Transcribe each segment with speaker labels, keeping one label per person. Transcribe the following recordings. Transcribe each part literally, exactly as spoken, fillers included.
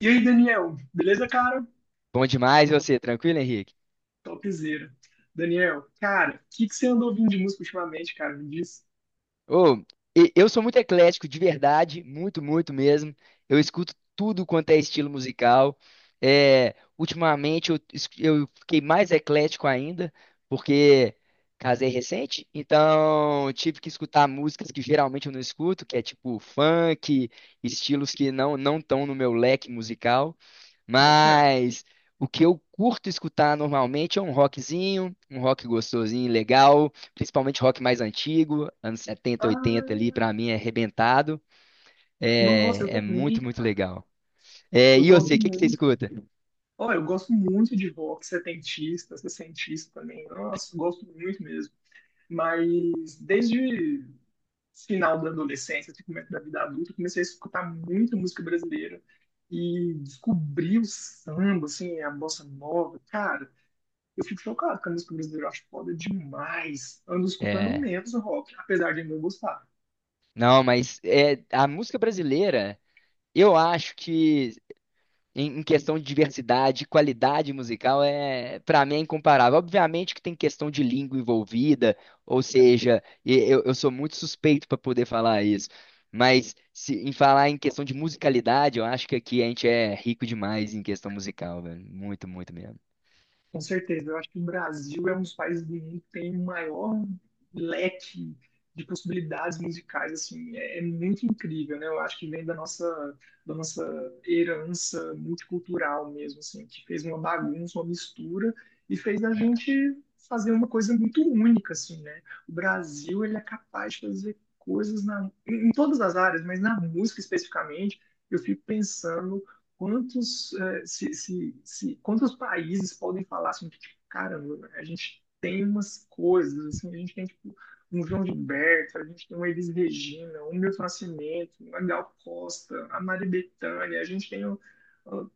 Speaker 1: E aí, Daniel, beleza, cara?
Speaker 2: Bom demais, e você, tranquilo, Henrique?
Speaker 1: Topzera. Daniel, cara, o que que você andou ouvindo de música ultimamente, cara? Me diz.
Speaker 2: Ô, e- eu sou muito eclético, de verdade, muito, muito mesmo. Eu escuto tudo quanto é estilo musical. É, ultimamente eu, es- eu fiquei mais eclético ainda, porque casei recente, então tive que escutar músicas que geralmente eu não escuto, que é tipo funk, estilos que não não estão no meu leque musical.
Speaker 1: Boto fé.
Speaker 2: Mas o que eu curto escutar normalmente é um rockzinho, um rock gostosinho, legal. Principalmente rock mais antigo, anos setenta oitenta ali,
Speaker 1: Ah,
Speaker 2: pra mim é arrebentado.
Speaker 1: nossa, eu
Speaker 2: É, é
Speaker 1: também,
Speaker 2: muito, muito
Speaker 1: cara.
Speaker 2: legal. É,
Speaker 1: Eu
Speaker 2: e
Speaker 1: gosto
Speaker 2: você, o que que você
Speaker 1: muito.
Speaker 2: escuta?
Speaker 1: Olha, eu gosto muito de rock setentista, sessentista também. Nossa, eu gosto muito mesmo. Mas desde final da adolescência, até começo da vida adulta, eu comecei a escutar muita música brasileira e descobri o samba, assim, a bossa nova. Cara, eu fico chocado com a música brasileira, eu acho foda demais. Ando escutando
Speaker 2: É,
Speaker 1: menos rock, apesar de não gostar.
Speaker 2: não, mas é, a música brasileira, eu acho que Em, em questão de diversidade, qualidade musical, é, para mim é incomparável. Obviamente que tem questão de língua envolvida, ou
Speaker 1: É.
Speaker 2: seja, e- eu, eu sou muito suspeito para poder falar isso. Mas se, em falar em questão de musicalidade, eu acho que aqui a gente é rico demais em questão musical, velho. Muito, muito mesmo.
Speaker 1: Com certeza, eu acho que o Brasil é um dos países do mundo que tem o maior leque de possibilidades musicais, assim, é, é muito incrível, né? Eu acho que vem da nossa, da nossa herança multicultural mesmo, assim, que fez uma bagunça, uma mistura e fez a gente fazer uma coisa muito única, assim, né? O Brasil, ele é capaz de fazer coisas na, em em todas as áreas, mas na música especificamente, eu fico pensando quantos, eh, se, se, se, quantos países podem falar assim, que, tipo, caramba, a gente tem umas coisas, assim, a gente tem tipo, um João Gilberto, a gente tem uma Elis Regina, um Milton Nascimento, uma Gal Costa, a Maria Bethânia, a gente tem. um- um-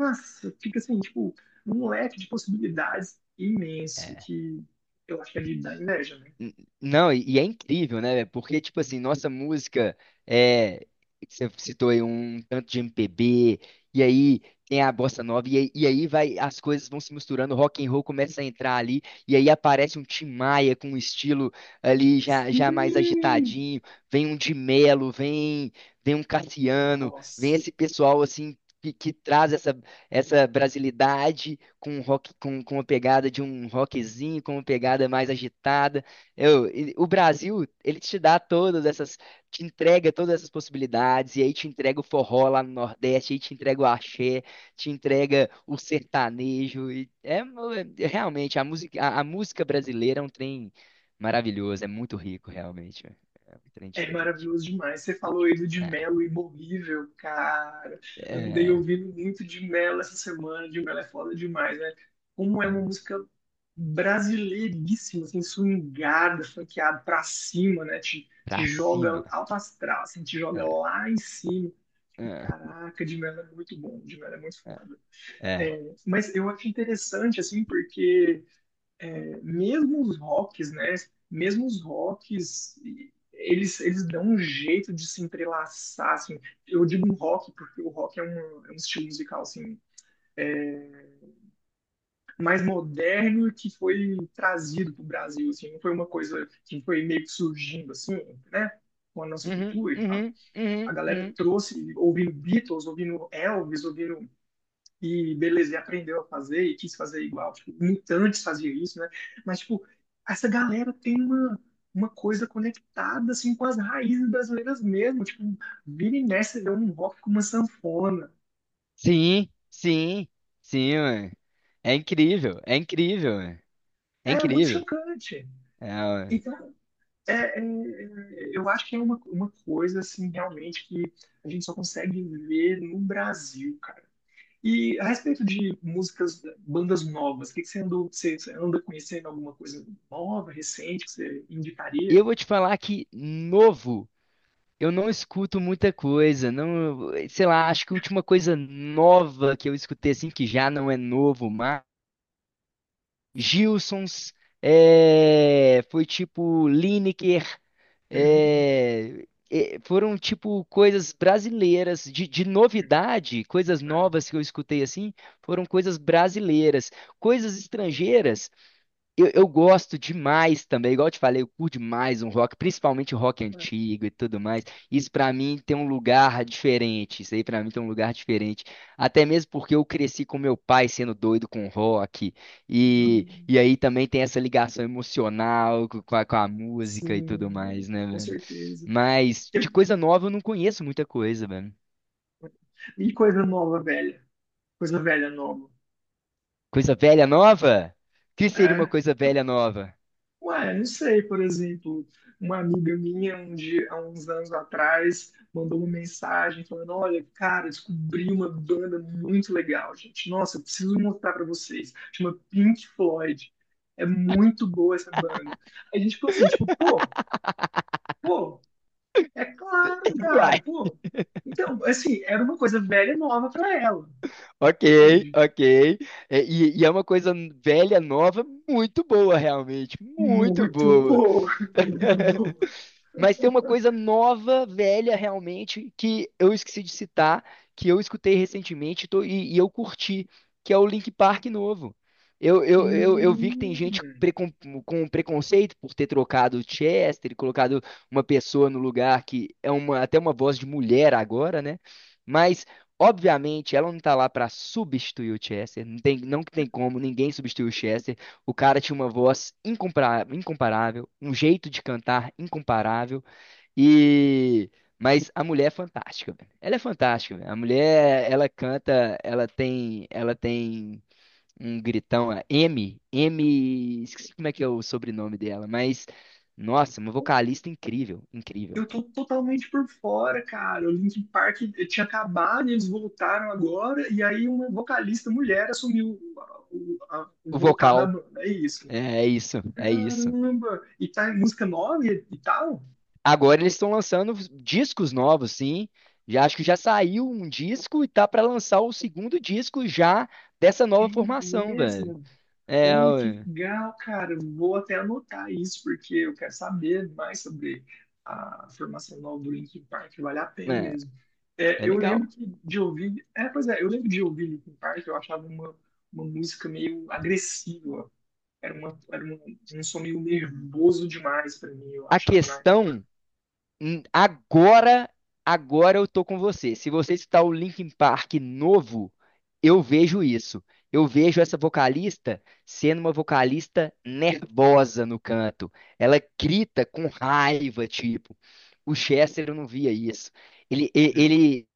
Speaker 1: Nossa, fica assim, tipo, um leque de possibilidades imenso
Speaker 2: É.
Speaker 1: que eu acho que é de dar inveja, né?
Speaker 2: N- Não, e e é incrível, né, velho? Porque, tipo assim, nossa música é. Você citou aí um tanto de M P B, e aí tem a bossa nova, e aí, e aí vai, as coisas vão se misturando, o rock and roll começa a entrar ali, e aí aparece um Tim Maia com um estilo ali já, já mais
Speaker 1: Sim!
Speaker 2: agitadinho, vem um de Melo, vem, vem um Cassiano, vem
Speaker 1: Nossa!
Speaker 2: esse pessoal assim. Que, que traz essa, essa brasilidade com rock com, com uma pegada de um rockzinho, com uma pegada mais agitada. Eu, e o Brasil, ele te dá todas essas, te entrega todas essas possibilidades, e aí te entrega o forró lá no Nordeste, aí te entrega o axé, te entrega o sertanejo, e é, mo- é- realmente, a música, a, a música brasileira é um trem maravilhoso, é muito rico, realmente, é é um trem
Speaker 1: É
Speaker 2: diferente.
Speaker 1: maravilhoso demais. Você falou aí do de
Speaker 2: É,
Speaker 1: Melo imorrível, cara. Andei
Speaker 2: é,
Speaker 1: ouvindo muito de Melo essa semana. De Melo é foda demais, né? Como é uma
Speaker 2: é,
Speaker 1: música brasileiríssima, assim, swingada, funkeada pra cima, né? Te, te
Speaker 2: pra cima.
Speaker 1: joga alto astral, assim, te joga
Speaker 2: É,
Speaker 1: lá em cima.
Speaker 2: é,
Speaker 1: Caraca, de Melo é muito bom, de Melo é muito
Speaker 2: é.
Speaker 1: foda.
Speaker 2: É.
Speaker 1: É, mas eu acho interessante, assim, porque mesmo os rocks, né? Mesmo os rocks, eles, eles dão um jeito de se entrelaçar, assim. Eu digo rock porque o rock é um, é um estilo musical, assim, mais moderno que foi trazido para o Brasil, assim. Não foi uma coisa que foi meio que surgindo, assim, né? Com a nossa
Speaker 2: Uhum,
Speaker 1: cultura e tal.
Speaker 2: uhum,
Speaker 1: A
Speaker 2: uhum,
Speaker 1: galera
Speaker 2: uhum.
Speaker 1: trouxe, ouvindo Beatles, ouvindo Elvis, ouvindo e beleza, e aprendeu a fazer e quis fazer igual. Tipo, mutantes faziam isso, né? Mas, tipo, essa galera tem uma, uma coisa conectada, assim, com as raízes brasileiras mesmo. Tipo, vira e mexe, vê um rock com uma sanfona.
Speaker 2: Sim, sim, sim, mano. É incrível, é incrível, é
Speaker 1: É muito
Speaker 2: incrível.
Speaker 1: chocante.
Speaker 2: É,
Speaker 1: Então, é, é, é, eu acho que é uma, uma coisa, assim, realmente que a gente só consegue ver no Brasil, cara. E a respeito de músicas, bandas novas, o que que você andou, você, você anda conhecendo alguma coisa nova, recente, que você indicaria?
Speaker 2: eu vou te falar que novo, eu não escuto muita coisa, não, sei lá, acho que a última coisa nova que eu escutei assim que já não é novo, mas Gilsons é, foi tipo Lineker,
Speaker 1: Uhum,
Speaker 2: é, é, foram tipo coisas brasileiras de, de novidade, coisas novas que eu escutei assim, foram coisas brasileiras, coisas
Speaker 1: uhum,
Speaker 2: estrangeiras. Eu, eu gosto demais também, igual eu te falei, eu curto demais um rock, principalmente o rock antigo e tudo mais. Isso pra mim tem um lugar diferente. Isso aí pra mim tem um lugar diferente. Até mesmo porque eu cresci com meu pai sendo doido com rock. E,
Speaker 1: uhum.
Speaker 2: e aí também tem essa ligação emocional co- com a, com a música e tudo
Speaker 1: Sim,
Speaker 2: mais, né,
Speaker 1: com
Speaker 2: velho?
Speaker 1: certeza.
Speaker 2: Mas de coisa nova eu não conheço muita coisa, velho.
Speaker 1: E coisa nova, velha? Coisa velha, nova.
Speaker 2: Coisa velha nova? O que seria uma
Speaker 1: É.
Speaker 2: coisa velha nova?
Speaker 1: Ué, não sei, por exemplo, uma amiga minha um dia, há uns anos atrás mandou uma mensagem falando: Olha, cara, descobri uma banda muito legal, gente. Nossa, eu preciso mostrar pra vocês. Chama Pink Floyd. É muito boa essa banda. Aí a gente ficou assim, tipo, pô, pô, é claro, cara, pô. Então, assim, era uma coisa velha e nova pra ela,
Speaker 2: Ok,
Speaker 1: entende?
Speaker 2: ok. É, e, e é uma coisa velha, nova, muito boa, realmente. Muito
Speaker 1: Muito
Speaker 2: boa.
Speaker 1: boa, muito boa.
Speaker 2: Mas tem uma coisa nova, velha, realmente, que eu esqueci de citar, que eu escutei recentemente tô- e, e eu curti, que é o Link Park novo. Eu, eu, eu, eu vi que tem gente
Speaker 1: Hum.
Speaker 2: precon- com preconceito por ter trocado o Chester e colocado uma pessoa no lugar que é uma, até uma voz de mulher agora, né? Mas, obviamente, ela não tá lá para substituir o Chester. Não tem, não que tem como, ninguém substitui o Chester. O cara tinha uma voz incompara- incomparável, um jeito de cantar incomparável e mas a mulher é fantástica, velho. Ela é fantástica, velho. A mulher, ela canta, ela tem, ela tem um gritão, a M, M, esqueci como é que é o sobrenome dela, mas nossa, uma vocalista incrível, incrível.
Speaker 1: Eu tô totalmente por fora, cara. O Linkin Park tinha acabado, eles voltaram agora, e aí uma vocalista mulher assumiu o, a- o
Speaker 2: O
Speaker 1: vocal da
Speaker 2: vocal
Speaker 1: banda. É isso.
Speaker 2: é é isso, é isso.
Speaker 1: Caramba! E tá em música nova e, e tal?
Speaker 2: Agora eles estão lançando discos novos, sim. Já acho que já saiu um disco e tá pra lançar o segundo disco já dessa
Speaker 1: É
Speaker 2: nova formação, velho.
Speaker 1: mesmo?
Speaker 2: É,
Speaker 1: Olha que
Speaker 2: ué.
Speaker 1: legal, cara. Vou até anotar isso, porque eu quero saber mais sobre a formação nova do Linkin Park. Vale a pena
Speaker 2: É,
Speaker 1: mesmo. É,
Speaker 2: é
Speaker 1: eu lembro
Speaker 2: legal.
Speaker 1: que de ouvir. É, pois é, eu lembro de ouvir Linkin Park, eu achava uma, uma música meio agressiva. Era, uma, era um, um som meio nervoso demais pra mim, eu
Speaker 2: A
Speaker 1: achava,
Speaker 2: questão Hum, agora, agora eu tô com você. Se você está o Linkin Park novo, eu vejo isso. Eu vejo essa vocalista sendo uma vocalista nervosa no canto. Ela grita com raiva, tipo. O Chester eu não via isso. Ele, e-
Speaker 1: né?
Speaker 2: ele,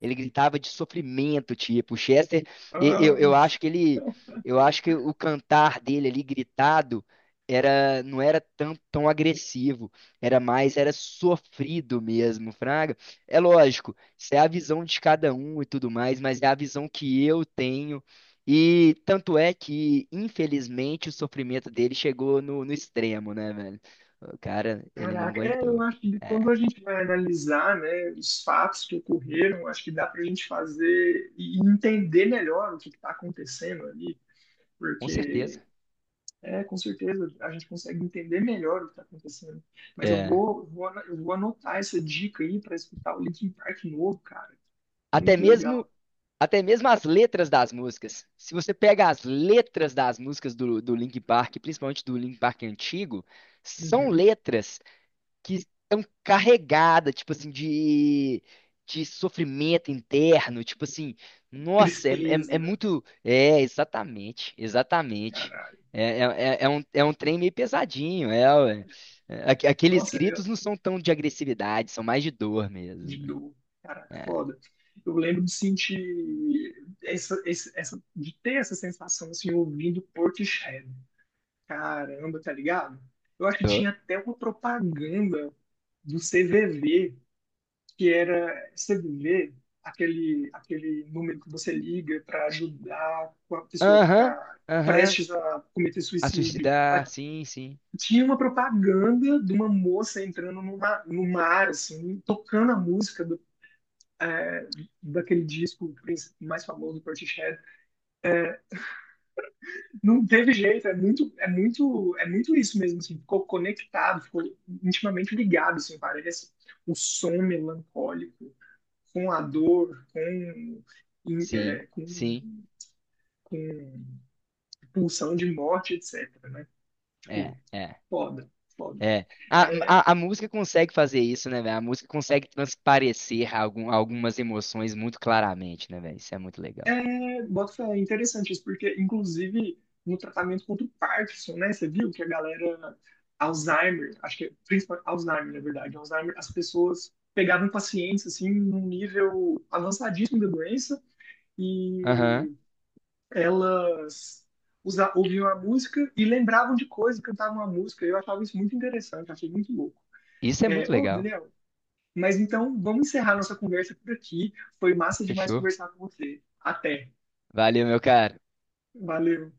Speaker 2: ele gritava de sofrimento, tipo. O Chester, e- eu,
Speaker 1: Ah,
Speaker 2: eu acho que ele, eu acho que o cantar dele ali gritado era, não era tão, tão agressivo, era mais, era sofrido mesmo, Fraga. É lógico, isso é a visão de cada um e tudo mais, mas é a visão que eu tenho. E tanto é que, infelizmente, o sofrimento dele chegou no, no extremo, né, velho? O cara, ele não
Speaker 1: caraca, é, eu
Speaker 2: aguentou.
Speaker 1: acho que quando a
Speaker 2: É,
Speaker 1: gente vai analisar, né, os fatos que ocorreram, acho que dá para a gente fazer e entender melhor o que está acontecendo ali,
Speaker 2: com
Speaker 1: porque
Speaker 2: certeza.
Speaker 1: é, com certeza a gente consegue entender melhor o que está acontecendo. Mas eu
Speaker 2: É.
Speaker 1: vou, vou, ana- eu vou anotar essa dica aí para escutar o Linkin Park novo, cara.
Speaker 2: Até
Speaker 1: Muito legal.
Speaker 2: mesmo Até mesmo as letras das músicas. Se você pega as letras das músicas do, do Linkin Park, principalmente do Linkin Park antigo, são
Speaker 1: Uhum.
Speaker 2: letras que estão carregadas, tipo assim, de, de sofrimento interno, tipo assim, nossa, é, é, é
Speaker 1: Tristeza,
Speaker 2: muito. É, exatamente, exatamente.
Speaker 1: caralho.
Speaker 2: É, é, é- é um, é um trem meio pesadinho, é, ué. É, aqu- aqueles
Speaker 1: Nossa,
Speaker 2: gritos não são tão de agressividade, são mais de dor mesmo.
Speaker 1: de
Speaker 2: Né?
Speaker 1: dor. Caraca,
Speaker 2: É,
Speaker 1: foda. Eu lembro de sentir essa, esse- essa, de ter essa sensação assim ouvindo Portishead. Caramba, tá ligado? Eu acho que
Speaker 2: tô-
Speaker 1: tinha até uma propaganda do C V V, que era C V V, aquele aquele número que você liga para ajudar com a pessoa que
Speaker 2: aham,
Speaker 1: está
Speaker 2: aham.
Speaker 1: prestes a cometer
Speaker 2: A
Speaker 1: suicídio.
Speaker 2: suicidar,
Speaker 1: A-
Speaker 2: sim, sim,
Speaker 1: Tinha uma propaganda de uma moça entrando no mar, no mar assim, tocando a música daquele disco mais famoso do Portishead. Não teve jeito, é muito, é muito, é muito isso mesmo, assim, ficou conectado, ficou intimamente ligado, assim, parece o som melancólico com a dor, com,
Speaker 2: sim,
Speaker 1: é, com,
Speaker 2: sim,
Speaker 1: com pulsão de morte, etc, né? Tipo,
Speaker 2: é, é,
Speaker 1: foda, foda.
Speaker 2: é. A, a, a música consegue fazer isso, né, velho? A música consegue transparecer algum, algumas emoções muito claramente, né, velho? Isso é muito legal.
Speaker 1: É, bota fé, é interessante isso, porque inclusive no tratamento contra o Parkinson, né? Você viu que a galera Alzheimer, acho que é principalmente Alzheimer, na verdade, Alzheimer, as pessoas pegavam pacientes assim num nível avançadíssimo da doença e
Speaker 2: Aham,
Speaker 1: elas usa, ouviam a música e lembravam de coisas, cantavam a música. Eu achava isso muito interessante, achei muito louco.
Speaker 2: isso é
Speaker 1: É,
Speaker 2: muito
Speaker 1: ô,
Speaker 2: legal.
Speaker 1: Daniel, mas então vamos encerrar nossa conversa por aqui. Foi massa demais
Speaker 2: Fechou.
Speaker 1: conversar com você. Até.
Speaker 2: Valeu, meu caro.
Speaker 1: Valeu.